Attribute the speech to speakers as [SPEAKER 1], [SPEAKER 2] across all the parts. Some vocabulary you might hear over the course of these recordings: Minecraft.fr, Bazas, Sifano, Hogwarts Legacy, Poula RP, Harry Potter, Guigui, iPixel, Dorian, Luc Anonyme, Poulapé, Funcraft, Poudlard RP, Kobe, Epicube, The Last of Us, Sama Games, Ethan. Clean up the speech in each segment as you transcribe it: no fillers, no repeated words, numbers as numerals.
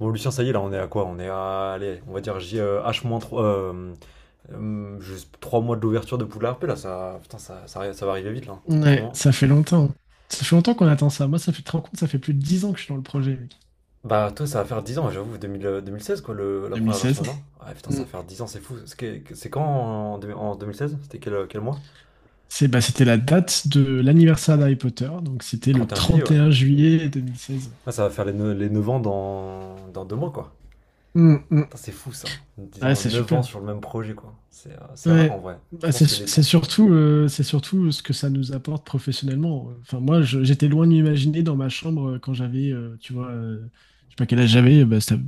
[SPEAKER 1] Bon, Lucien, ça y est, là, on est à quoi? On est à, allez, on va dire J, H-3, juste 3 mois de l'ouverture de Poudlard RP, là, ça, putain, ça va arriver vite, là,
[SPEAKER 2] Ouais,
[SPEAKER 1] franchement.
[SPEAKER 2] ça fait longtemps. Ça fait longtemps qu'on attend ça. Moi, ça fait, tu te rends compte, ça fait plus de 10 ans que je suis dans le projet, mec.
[SPEAKER 1] Bah, toi, ça va faire 10 ans, j'avoue, 2016 quoi, la première version,
[SPEAKER 2] 2016.
[SPEAKER 1] non? Ah, putain, ça
[SPEAKER 2] Mm.
[SPEAKER 1] va faire 10 ans, c'est fou. C'est quand en 2016. C'était quel mois?
[SPEAKER 2] C'est, bah, c'était la date de l'anniversaire d'Harry Potter, donc c'était le
[SPEAKER 1] 31 juillet, ouais.
[SPEAKER 2] 31 juillet 2016.
[SPEAKER 1] Ah, ça va faire les 9 ans dans 2 mois, quoi.
[SPEAKER 2] Mm, mm.
[SPEAKER 1] Putain, c'est fou, ça. 10
[SPEAKER 2] Ouais,
[SPEAKER 1] ans,
[SPEAKER 2] c'est
[SPEAKER 1] 9 ans
[SPEAKER 2] super.
[SPEAKER 1] sur le même projet, quoi. C'est rare, en
[SPEAKER 2] Ouais.
[SPEAKER 1] vrai. Je
[SPEAKER 2] Bah,
[SPEAKER 1] pense
[SPEAKER 2] c'est
[SPEAKER 1] que des
[SPEAKER 2] c'est
[SPEAKER 1] pros.
[SPEAKER 2] surtout, c'est surtout ce que ça nous apporte professionnellement. Enfin, moi, j'étais loin de m'imaginer dans ma chambre, quand j'avais, tu vois, je sais pas quel âge j'avais, bah, c'était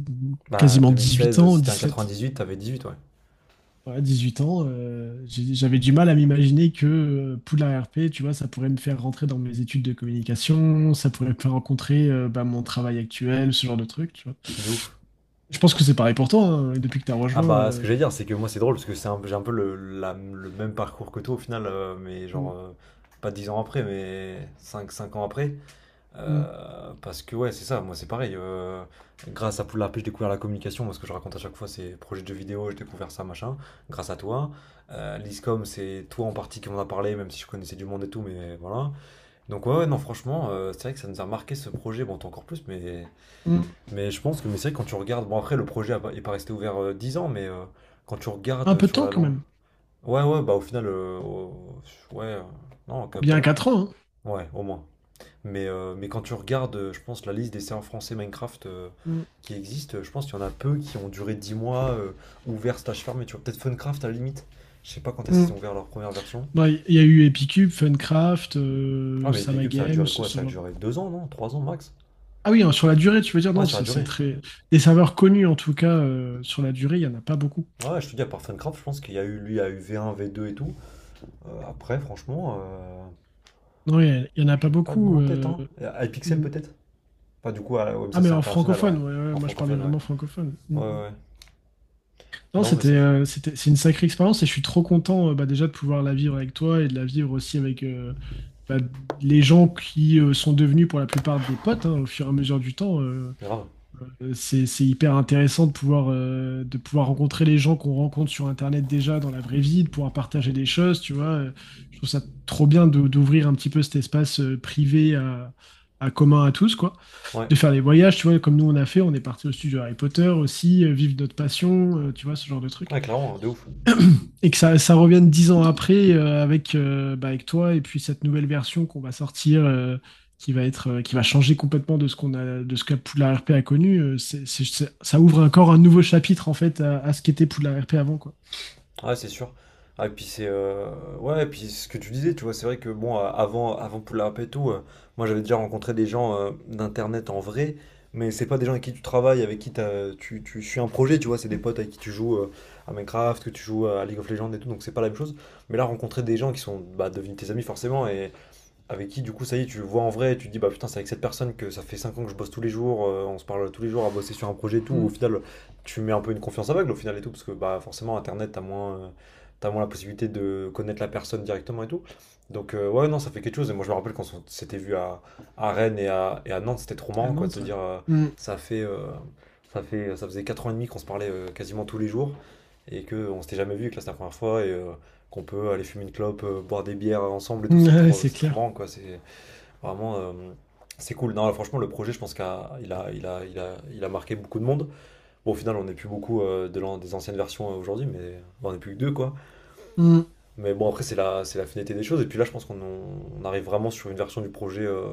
[SPEAKER 1] Bah, deux
[SPEAKER 2] quasiment
[SPEAKER 1] mille
[SPEAKER 2] 18
[SPEAKER 1] seize
[SPEAKER 2] ans,
[SPEAKER 1] si t'es un
[SPEAKER 2] 17.
[SPEAKER 1] huit, t'avais 18, ouais.
[SPEAKER 2] Ouais, 18 ans, j'avais du mal à m'imaginer que, Poudlard RP, tu vois, ça pourrait me faire rentrer dans mes études de communication, ça pourrait me faire rencontrer, bah, mon travail actuel, ce genre de truc, tu vois.
[SPEAKER 1] De ouf.
[SPEAKER 2] Je pense que c'est pareil pour toi, hein, depuis que tu as
[SPEAKER 1] Ah,
[SPEAKER 2] rejoint.
[SPEAKER 1] bah ce que j'allais dire, c'est que moi c'est drôle parce que j'ai un peu le même parcours que toi au final, mais genre
[SPEAKER 2] Mm,
[SPEAKER 1] pas 10 ans après, mais cinq ans après.
[SPEAKER 2] mm,
[SPEAKER 1] Parce que ouais, c'est ça, moi c'est pareil. Grâce à Poulapé, j'ai découvert la communication, moi ce que je raconte à chaque fois c'est projet de jeux vidéo, j'ai découvert ça, machin, grâce à toi. L'ISCOM, c'est toi en partie qui m'en a parlé, même si je connaissais du monde et tout, mais voilà. Donc ouais, ouais, non, franchement, c'est vrai que ça nous a marqué ce projet, bon toi encore plus,
[SPEAKER 2] mm.
[SPEAKER 1] mais je pense que mais c'est vrai que quand tu regardes, bon après le projet a pas- est pas resté ouvert 10 ans, mais quand tu
[SPEAKER 2] Un
[SPEAKER 1] regardes
[SPEAKER 2] peu de
[SPEAKER 1] sur
[SPEAKER 2] temps
[SPEAKER 1] la
[SPEAKER 2] quand
[SPEAKER 1] longue.
[SPEAKER 2] même,
[SPEAKER 1] Ouais, ouais, bah au final, ouais, non, quand même, pas
[SPEAKER 2] bien
[SPEAKER 1] mal.
[SPEAKER 2] 4 ans, hein.
[SPEAKER 1] Ouais, au moins. Mais quand tu regardes, je pense, la liste des serveurs français Minecraft
[SPEAKER 2] Mm,
[SPEAKER 1] qui existent, je pense qu'il y en a peu qui ont duré 10 mois ouverts slash fermés. Tu vois, peut-être Funcraft à la limite. Je sais pas quand est-ce qu'ils ont
[SPEAKER 2] mm.
[SPEAKER 1] ouvert leur première version.
[SPEAKER 2] Ouais, il y a eu Epicube, Funcraft,
[SPEAKER 1] Ah, mais
[SPEAKER 2] Sama
[SPEAKER 1] Epicube, ça a
[SPEAKER 2] Games,
[SPEAKER 1] duré
[SPEAKER 2] ce
[SPEAKER 1] quoi?
[SPEAKER 2] ce
[SPEAKER 1] Ça a
[SPEAKER 2] genre de...
[SPEAKER 1] duré 2 ans, non? 3 ans max?
[SPEAKER 2] Ah oui, hein, sur la durée, tu veux dire,
[SPEAKER 1] Ouais,
[SPEAKER 2] non,
[SPEAKER 1] ça a
[SPEAKER 2] c'est
[SPEAKER 1] duré.
[SPEAKER 2] très... Des serveurs connus en tout cas, sur la durée, il n'y en a pas beaucoup.
[SPEAKER 1] Ouais, je te dis, à part Funcraft, je pense qu'il y a eu lui, il y a eu v un v deux et tout. Après, franchement,
[SPEAKER 2] Oui, il n'y en a pas
[SPEAKER 1] j'ai pas de nom
[SPEAKER 2] beaucoup.
[SPEAKER 1] en tête, hein. iPixel
[SPEAKER 2] Mm.
[SPEAKER 1] peut-être? Pas du coup, ah, ouais, mais
[SPEAKER 2] Ah,
[SPEAKER 1] ça
[SPEAKER 2] mais
[SPEAKER 1] c'est
[SPEAKER 2] en
[SPEAKER 1] international, ouais.
[SPEAKER 2] francophone, ouais, ouais,
[SPEAKER 1] En
[SPEAKER 2] moi je parlais
[SPEAKER 1] francophone, ouais.
[SPEAKER 2] vraiment francophone. Mm,
[SPEAKER 1] Ouais, ouais.
[SPEAKER 2] mm.
[SPEAKER 1] Ouais.
[SPEAKER 2] Non,
[SPEAKER 1] Non, mais c'est fou.
[SPEAKER 2] c'est une sacrée expérience et je suis trop content, bah, déjà de pouvoir la vivre avec toi et de la vivre aussi avec, bah, les gens qui, sont devenus pour la plupart des potes, hein, au fur et à mesure du temps.
[SPEAKER 1] Grave.
[SPEAKER 2] C'est hyper intéressant de pouvoir rencontrer les gens qu'on rencontre sur Internet déjà dans la vraie vie, de pouvoir partager des choses, tu vois. Je trouve ça trop bien d'ouvrir un petit peu cet espace, privé à commun à tous, quoi.
[SPEAKER 1] Ouais.
[SPEAKER 2] De faire des voyages, tu vois, comme nous on a fait, on est parti au studio Harry Potter aussi, vivre notre passion, tu vois, ce genre de truc.
[SPEAKER 1] Ouais, clairement, de ouf.
[SPEAKER 2] Et que ça revienne dix ans après, avec, bah, avec toi et puis cette nouvelle version qu'on va sortir, qui va être, qui va changer complètement de ce qu'on a, de ce que Poudlard RP a connu. Ça ouvre encore un nouveau chapitre en fait à ce qu'était Poudlard RP avant, quoi.
[SPEAKER 1] Ah, c'est sûr. Ah, et puis c'est ouais, et puis ce que tu disais, tu vois, c'est vrai que bon, avant, avant Poula Rap et tout, moi j'avais déjà rencontré des gens d'internet en vrai, mais c'est pas des gens avec qui tu travailles, avec qui tu, tu suis un projet, tu vois, c'est des potes avec qui tu joues à Minecraft, que tu joues à League of Legends et tout, donc c'est pas la même chose. Mais là, rencontrer des gens qui sont, bah, devenus tes amis forcément, et avec qui, du coup, ça y est, tu le vois en vrai, et tu te dis, bah putain, c'est avec cette personne que ça fait 5 ans que je bosse tous les jours, on se parle tous les jours à bosser sur un projet et tout. Au
[SPEAKER 2] Mm.
[SPEAKER 1] final, tu mets un peu une confiance aveugle, au final et tout, parce que bah forcément, Internet, t'as moins la possibilité de connaître la personne directement et tout. Donc, ouais, non, ça fait quelque chose. Et moi, je me rappelle quand on s'était vu à Rennes et à Nantes, c'était trop
[SPEAKER 2] À
[SPEAKER 1] marrant, quoi, de se
[SPEAKER 2] Nantes, ouais.
[SPEAKER 1] dire,
[SPEAKER 2] Mm.
[SPEAKER 1] ça fait, euh, ça fait, ça faisait 4 ans et demi qu'on se parlait quasiment tous les jours et qu'on s'était jamais vu, et que là, c'était la première fois. Et, qu'on peut aller fumer une clope, boire des bières ensemble et tout,
[SPEAKER 2] Mm, ouais, c'est
[SPEAKER 1] c'est trop
[SPEAKER 2] clair.
[SPEAKER 1] marrant, quoi. C'est vraiment, c'est cool. Non, franchement, le projet, je pense qu'il a marqué beaucoup de monde. Bon, au final, on n'est plus beaucoup des anciennes versions aujourd'hui, mais on n'est plus que deux, quoi.
[SPEAKER 2] Mm.
[SPEAKER 1] Mais bon, après, c'est la finalité des choses. Et puis là, je pense qu'on arrive vraiment sur une version du projet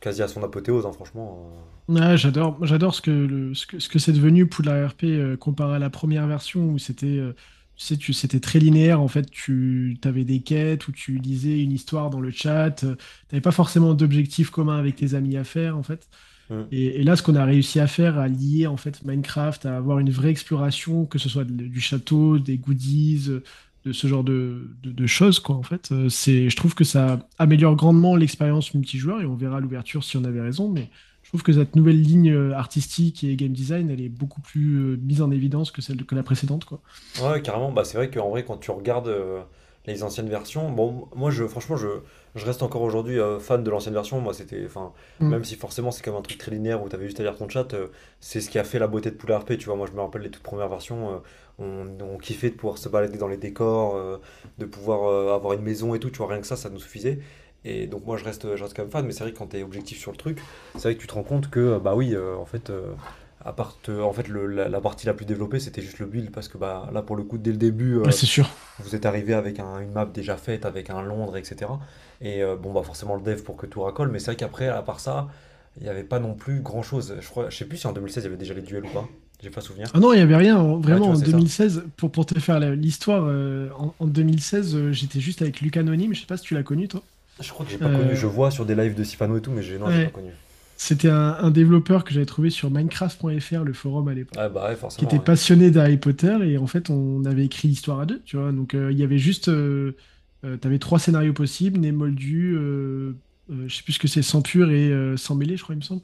[SPEAKER 1] quasi à son apothéose, hein, franchement.
[SPEAKER 2] Ouais, j'adore, j'adore ce que, ce que, ce que c'est devenu Poudlard RP, comparé à la première version où c'était, tu sais, tu, c'était très linéaire. En fait, tu avais des quêtes où tu lisais une histoire dans le chat. Tu n'avais pas forcément d'objectif commun avec tes amis à faire, en fait.
[SPEAKER 1] Hmm.
[SPEAKER 2] Et là, ce qu'on a réussi à faire, à lier en fait Minecraft, à avoir une vraie exploration, que ce soit du château, des goodies, de ce genre de, de choses, quoi, en fait, c'est, je trouve que ça améliore grandement l'expérience multijoueur et on verra à l'ouverture si on avait raison, mais je trouve que cette nouvelle ligne, artistique et game design, elle est beaucoup plus, mise en évidence que celle que la précédente, quoi.
[SPEAKER 1] Ouais, carrément, bah, c'est vrai qu'en vrai, quand tu regardes les anciennes versions, bon, moi, je, franchement, je reste encore aujourd'hui fan de l'ancienne version. Moi, c'était, enfin,
[SPEAKER 2] Mm.
[SPEAKER 1] même si forcément c'est comme un truc très linéaire où t'avais juste à lire ton chat, c'est ce qui a fait la beauté de Poula R P. Tu vois, moi, je me rappelle les toutes premières versions, on kiffait de pouvoir se balader dans les décors, de pouvoir avoir une maison et tout. Tu vois, rien que ça nous suffisait. Et donc, moi, je reste quand même fan, mais c'est vrai que quand t'es objectif sur le truc, c'est vrai que tu te rends compte que, bah oui, en fait. En fait, la, la partie la plus développée, c'était juste le build, parce que bah, là, pour le coup, dès le début,
[SPEAKER 2] Ouais, c'est sûr.
[SPEAKER 1] vous êtes arrivé avec une map déjà faite, avec un Londres, etc. Et bon, bah, forcément, le dev pour que tout racole, mais c'est vrai qu'après, à part ça, il n'y avait pas non plus grand-chose. Je crois, je sais plus si en 2016, il y avait déjà les duels ou pas. J'ai pas souvenir.
[SPEAKER 2] Ah non, il n'y avait rien.
[SPEAKER 1] Ouais, tu
[SPEAKER 2] Vraiment,
[SPEAKER 1] vois,
[SPEAKER 2] en
[SPEAKER 1] c'est ça.
[SPEAKER 2] 2016, pour te faire l'histoire, en, en 2016, j'étais juste avec Luc Anonyme. Je sais pas si tu l'as connu, toi.
[SPEAKER 1] Je crois que j'ai pas connu.
[SPEAKER 2] Euh,
[SPEAKER 1] Je vois sur des lives de Sifano et tout, mais non, j'ai pas
[SPEAKER 2] Ouais.
[SPEAKER 1] connu.
[SPEAKER 2] C'était un développeur que j'avais trouvé sur Minecraft.fr, le forum à l'époque,
[SPEAKER 1] Ouais, bah, ouais,
[SPEAKER 2] qui
[SPEAKER 1] forcément,
[SPEAKER 2] était
[SPEAKER 1] ouais.
[SPEAKER 2] passionné d'Harry Potter et en fait on avait écrit l'histoire à deux, tu vois. Donc, il y avait juste, t'avais trois scénarios possibles, né moldu, je sais plus ce que c'est, sans pur et, sans mêlé, je crois il me semble.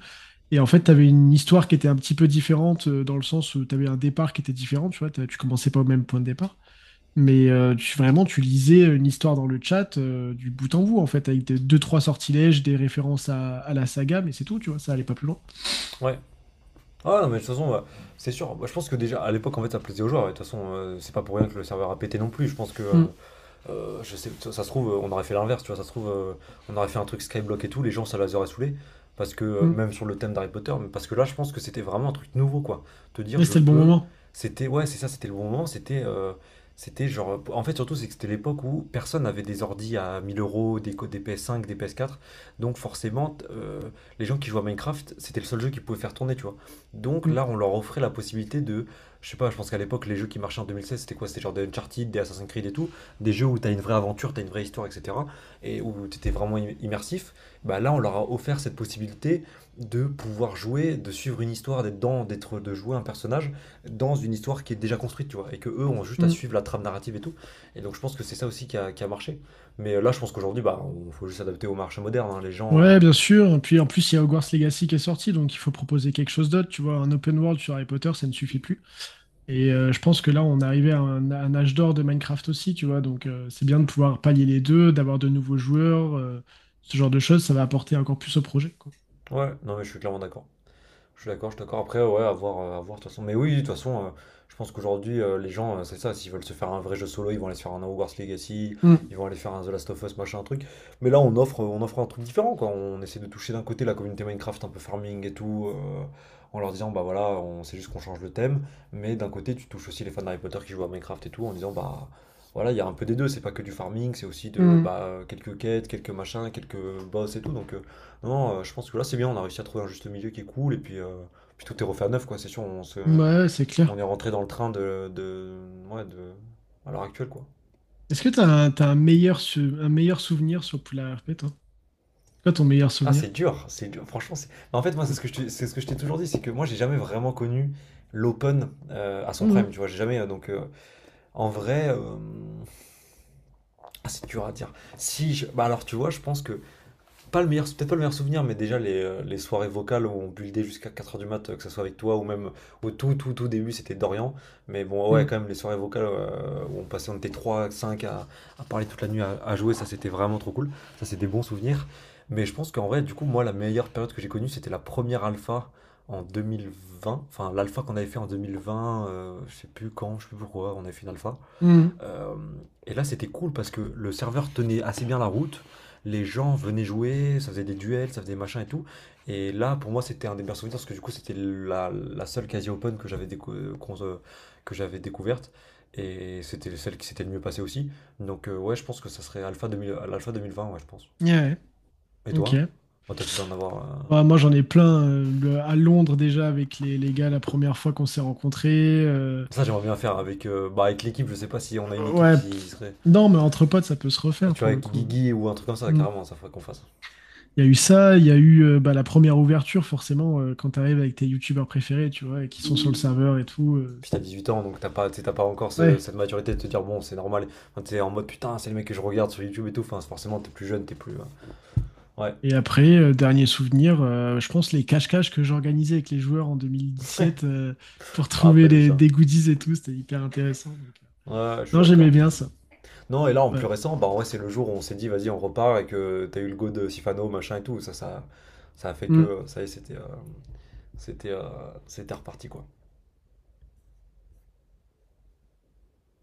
[SPEAKER 2] Et en fait t'avais une histoire qui était un petit peu différente, dans le sens où t'avais un départ qui était différent, tu vois. Tu commençais pas au même point de départ. Mais, tu, vraiment, tu lisais une histoire dans le chat, du bout en bout, en fait, avec des, deux, trois sortilèges, des références à la saga, mais c'est tout, tu vois, ça allait pas plus loin.
[SPEAKER 1] Ouais. Ah non, mais de toute façon, bah, c'est sûr. Bah, je pense que déjà, à l'époque, en fait, ça plaisait aux joueurs. Ouais. De toute façon, c'est pas pour rien que le serveur a pété non plus. Je pense que.
[SPEAKER 2] Mm,
[SPEAKER 1] Je sais, ça se trouve, on aurait fait l'inverse, tu vois, ça se trouve, on aurait fait un truc Skyblock et tout, les gens, ça les aurait saoulés, parce que,
[SPEAKER 2] mm.
[SPEAKER 1] même sur le thème d'Harry Potter, mais parce que là, je pense que c'était vraiment un truc nouveau, quoi. Te dire,
[SPEAKER 2] Et
[SPEAKER 1] je
[SPEAKER 2] c'était le bon
[SPEAKER 1] peux,
[SPEAKER 2] moment.
[SPEAKER 1] c'était, ouais, c'est ça, c'était le bon moment, c'était, c'était genre, en fait, surtout, c'est que c'était l'époque où personne n'avait des ordis à 1000 euros, des, des PS5, des PS4, donc forcément, les gens qui jouaient à Minecraft, c'était le seul jeu qu'ils pouvaient faire tourner, tu vois. Donc
[SPEAKER 2] Mm,
[SPEAKER 1] là, on leur offrait la possibilité de, je sais pas, je pense qu'à l'époque, les jeux qui marchaient en 2016, c'était quoi? C'était genre des Uncharted, des Assassin's Creed et tout, des jeux où tu as une vraie aventure, tu as une vraie histoire, etc., et où tu étais vraiment immersif, bah là, on leur a offert cette possibilité de pouvoir jouer, de suivre une histoire, d'être, de jouer un personnage dans une histoire qui est déjà construite, tu vois, et que eux ont juste à
[SPEAKER 2] mm.
[SPEAKER 1] suivre la trame narrative et tout. Et donc, je pense que c'est ça aussi qui a marché. Mais là, je pense qu'aujourd'hui, bah, on faut juste s'adapter au marché moderne, hein, les gens.
[SPEAKER 2] Ouais, bien sûr. Et puis en plus, il y a Hogwarts Legacy qui est sorti, donc il faut proposer quelque chose d'autre. Tu vois, un open world sur Harry Potter, ça ne suffit plus. Et, je pense que là, on est arrivé à un âge d'or de Minecraft aussi, tu vois. Donc, c'est bien de pouvoir pallier les deux, d'avoir de nouveaux joueurs, ce genre de choses, ça va apporter encore plus au projet, quoi.
[SPEAKER 1] Ouais, non, mais je suis clairement d'accord. Je suis d'accord, je suis d'accord. Après, ouais, à voir, de toute façon. Mais oui, de toute façon, je pense qu'aujourd'hui, les gens, c'est ça, s'ils veulent se faire un vrai jeu solo, ils vont aller se faire un Hogwarts Legacy, ils
[SPEAKER 2] Mm,
[SPEAKER 1] vont aller faire un The Last of Us, machin, un truc. Mais là, on offre un truc différent, quoi. On essaie de toucher d'un côté la communauté Minecraft, un peu farming et tout, en leur disant, bah voilà, on c'est juste qu'on change le thème. Mais d'un côté, tu touches aussi les fans d'Harry Potter qui jouent à Minecraft et tout, en disant, bah voilà, il y a un peu des deux, c'est pas que du farming, c'est aussi de,
[SPEAKER 2] mm.
[SPEAKER 1] bah, quelques quêtes, quelques machins, quelques boss et tout. Donc, non, je pense que là c'est bien, on a réussi à trouver un juste milieu qui est cool et puis, puis tout est refait à neuf quoi, c'est sûr, on se,
[SPEAKER 2] Ouais, c'est
[SPEAKER 1] on
[SPEAKER 2] clair.
[SPEAKER 1] est rentré dans le train de, ouais, de, à l'heure actuelle quoi.
[SPEAKER 2] Est-ce que tu un, t'as un meilleur, un meilleur souvenir sur Poula R P toi? C'est quoi ton meilleur
[SPEAKER 1] Ah,
[SPEAKER 2] souvenir?
[SPEAKER 1] c'est dur, franchement c'est. Mais en fait moi c'est ce que je t'ai toujours dit, c'est que moi j'ai jamais vraiment connu l'open à son
[SPEAKER 2] Mhm,
[SPEAKER 1] prime, tu vois, j'ai jamais, donc, en vrai, ah, c'est dur à dire. Si bah alors tu vois, je pense que. Pas le meilleur, c'est peut-être pas le meilleur souvenir, mais déjà les soirées vocales où on buildait jusqu'à 4 heures du mat, que ce soit avec toi ou même au tout début, c'était Dorian. Mais bon, ouais,
[SPEAKER 2] mhm,
[SPEAKER 1] quand même, les soirées vocales où on passait, on était 3 5 à parler toute la nuit, à jouer, ça c'était vraiment trop cool. Ça, c'est des bons souvenirs. Mais je pense qu'en vrai, du coup, moi, la meilleure période que j'ai connue, c'était la première alpha en 2020. Enfin, l'alpha qu'on avait fait en 2020, je sais plus quand, je sais plus pourquoi, on avait fait une alpha.
[SPEAKER 2] mhm.
[SPEAKER 1] Euh, et là, c'était cool parce que le serveur tenait assez bien la route. Les gens venaient jouer, ça faisait des duels, ça faisait des machins et tout. Et là, pour moi, c'était un des meilleurs souvenirs parce que du coup, c'était la, la seule quasi open que j'avais décou- qu'on se- que j'avais découverte. Et c'était celle qui s'était le mieux passée aussi. Donc, ouais, je pense que ça serait Alpha 2000, l'Alpha 2020. Ouais, je pense.
[SPEAKER 2] Ouais,
[SPEAKER 1] Et
[SPEAKER 2] ouais,
[SPEAKER 1] toi?
[SPEAKER 2] ok.
[SPEAKER 1] Bon, toi, tu dois en avoir.
[SPEAKER 2] Bah, moi, j'en ai plein. À Londres, déjà, avec les gars, la première fois qu'on s'est rencontrés.
[SPEAKER 1] Ça, j'aimerais bien faire avec, bah, avec l'équipe. Je sais pas si on a une équipe
[SPEAKER 2] Ouais,
[SPEAKER 1] qui
[SPEAKER 2] pff.
[SPEAKER 1] serait.
[SPEAKER 2] Non, mais entre potes, ça peut se
[SPEAKER 1] Ah,
[SPEAKER 2] refaire,
[SPEAKER 1] tu vois,
[SPEAKER 2] pour le
[SPEAKER 1] avec
[SPEAKER 2] coup.
[SPEAKER 1] Guigui ou un truc comme ça,
[SPEAKER 2] Mhm.
[SPEAKER 1] carrément, ça faudrait qu'on fasse.
[SPEAKER 2] Il y a eu ça, il y a eu, bah, la première ouverture, forcément, quand t'arrives avec tes youtubeurs préférés, tu vois, et qui sont sur le serveur et tout.
[SPEAKER 1] Puis t'as
[SPEAKER 2] C'est...
[SPEAKER 1] 18 ans, donc t'as pas, t'sais, t'as pas encore
[SPEAKER 2] Ouais.
[SPEAKER 1] cette maturité de te dire, bon, c'est normal. Enfin, t'es en mode, putain, c'est le mec que je regarde sur YouTube et tout. Enfin, c'est- forcément, t'es plus jeune, t'es plus. Ouais,
[SPEAKER 2] Et après, dernier souvenir, je pense les cache-cache que j'organisais avec les joueurs en 2017, pour
[SPEAKER 1] je me
[SPEAKER 2] trouver
[SPEAKER 1] rappelle de
[SPEAKER 2] les,
[SPEAKER 1] ça.
[SPEAKER 2] des goodies et tout, c'était hyper intéressant. Donc,
[SPEAKER 1] Ouais, je suis
[SPEAKER 2] non, j'aimais
[SPEAKER 1] d'accord.
[SPEAKER 2] bien ça.
[SPEAKER 1] Non, et là, en plus
[SPEAKER 2] Ouais.
[SPEAKER 1] récent, bah, en vrai, c'est le jour où on s'est dit, vas-y, on repart et que t'as eu le go de Sifano, machin et tout. Ça a fait
[SPEAKER 2] Mm.
[SPEAKER 1] que, ça y est, c'était, c'était, c'était reparti, quoi.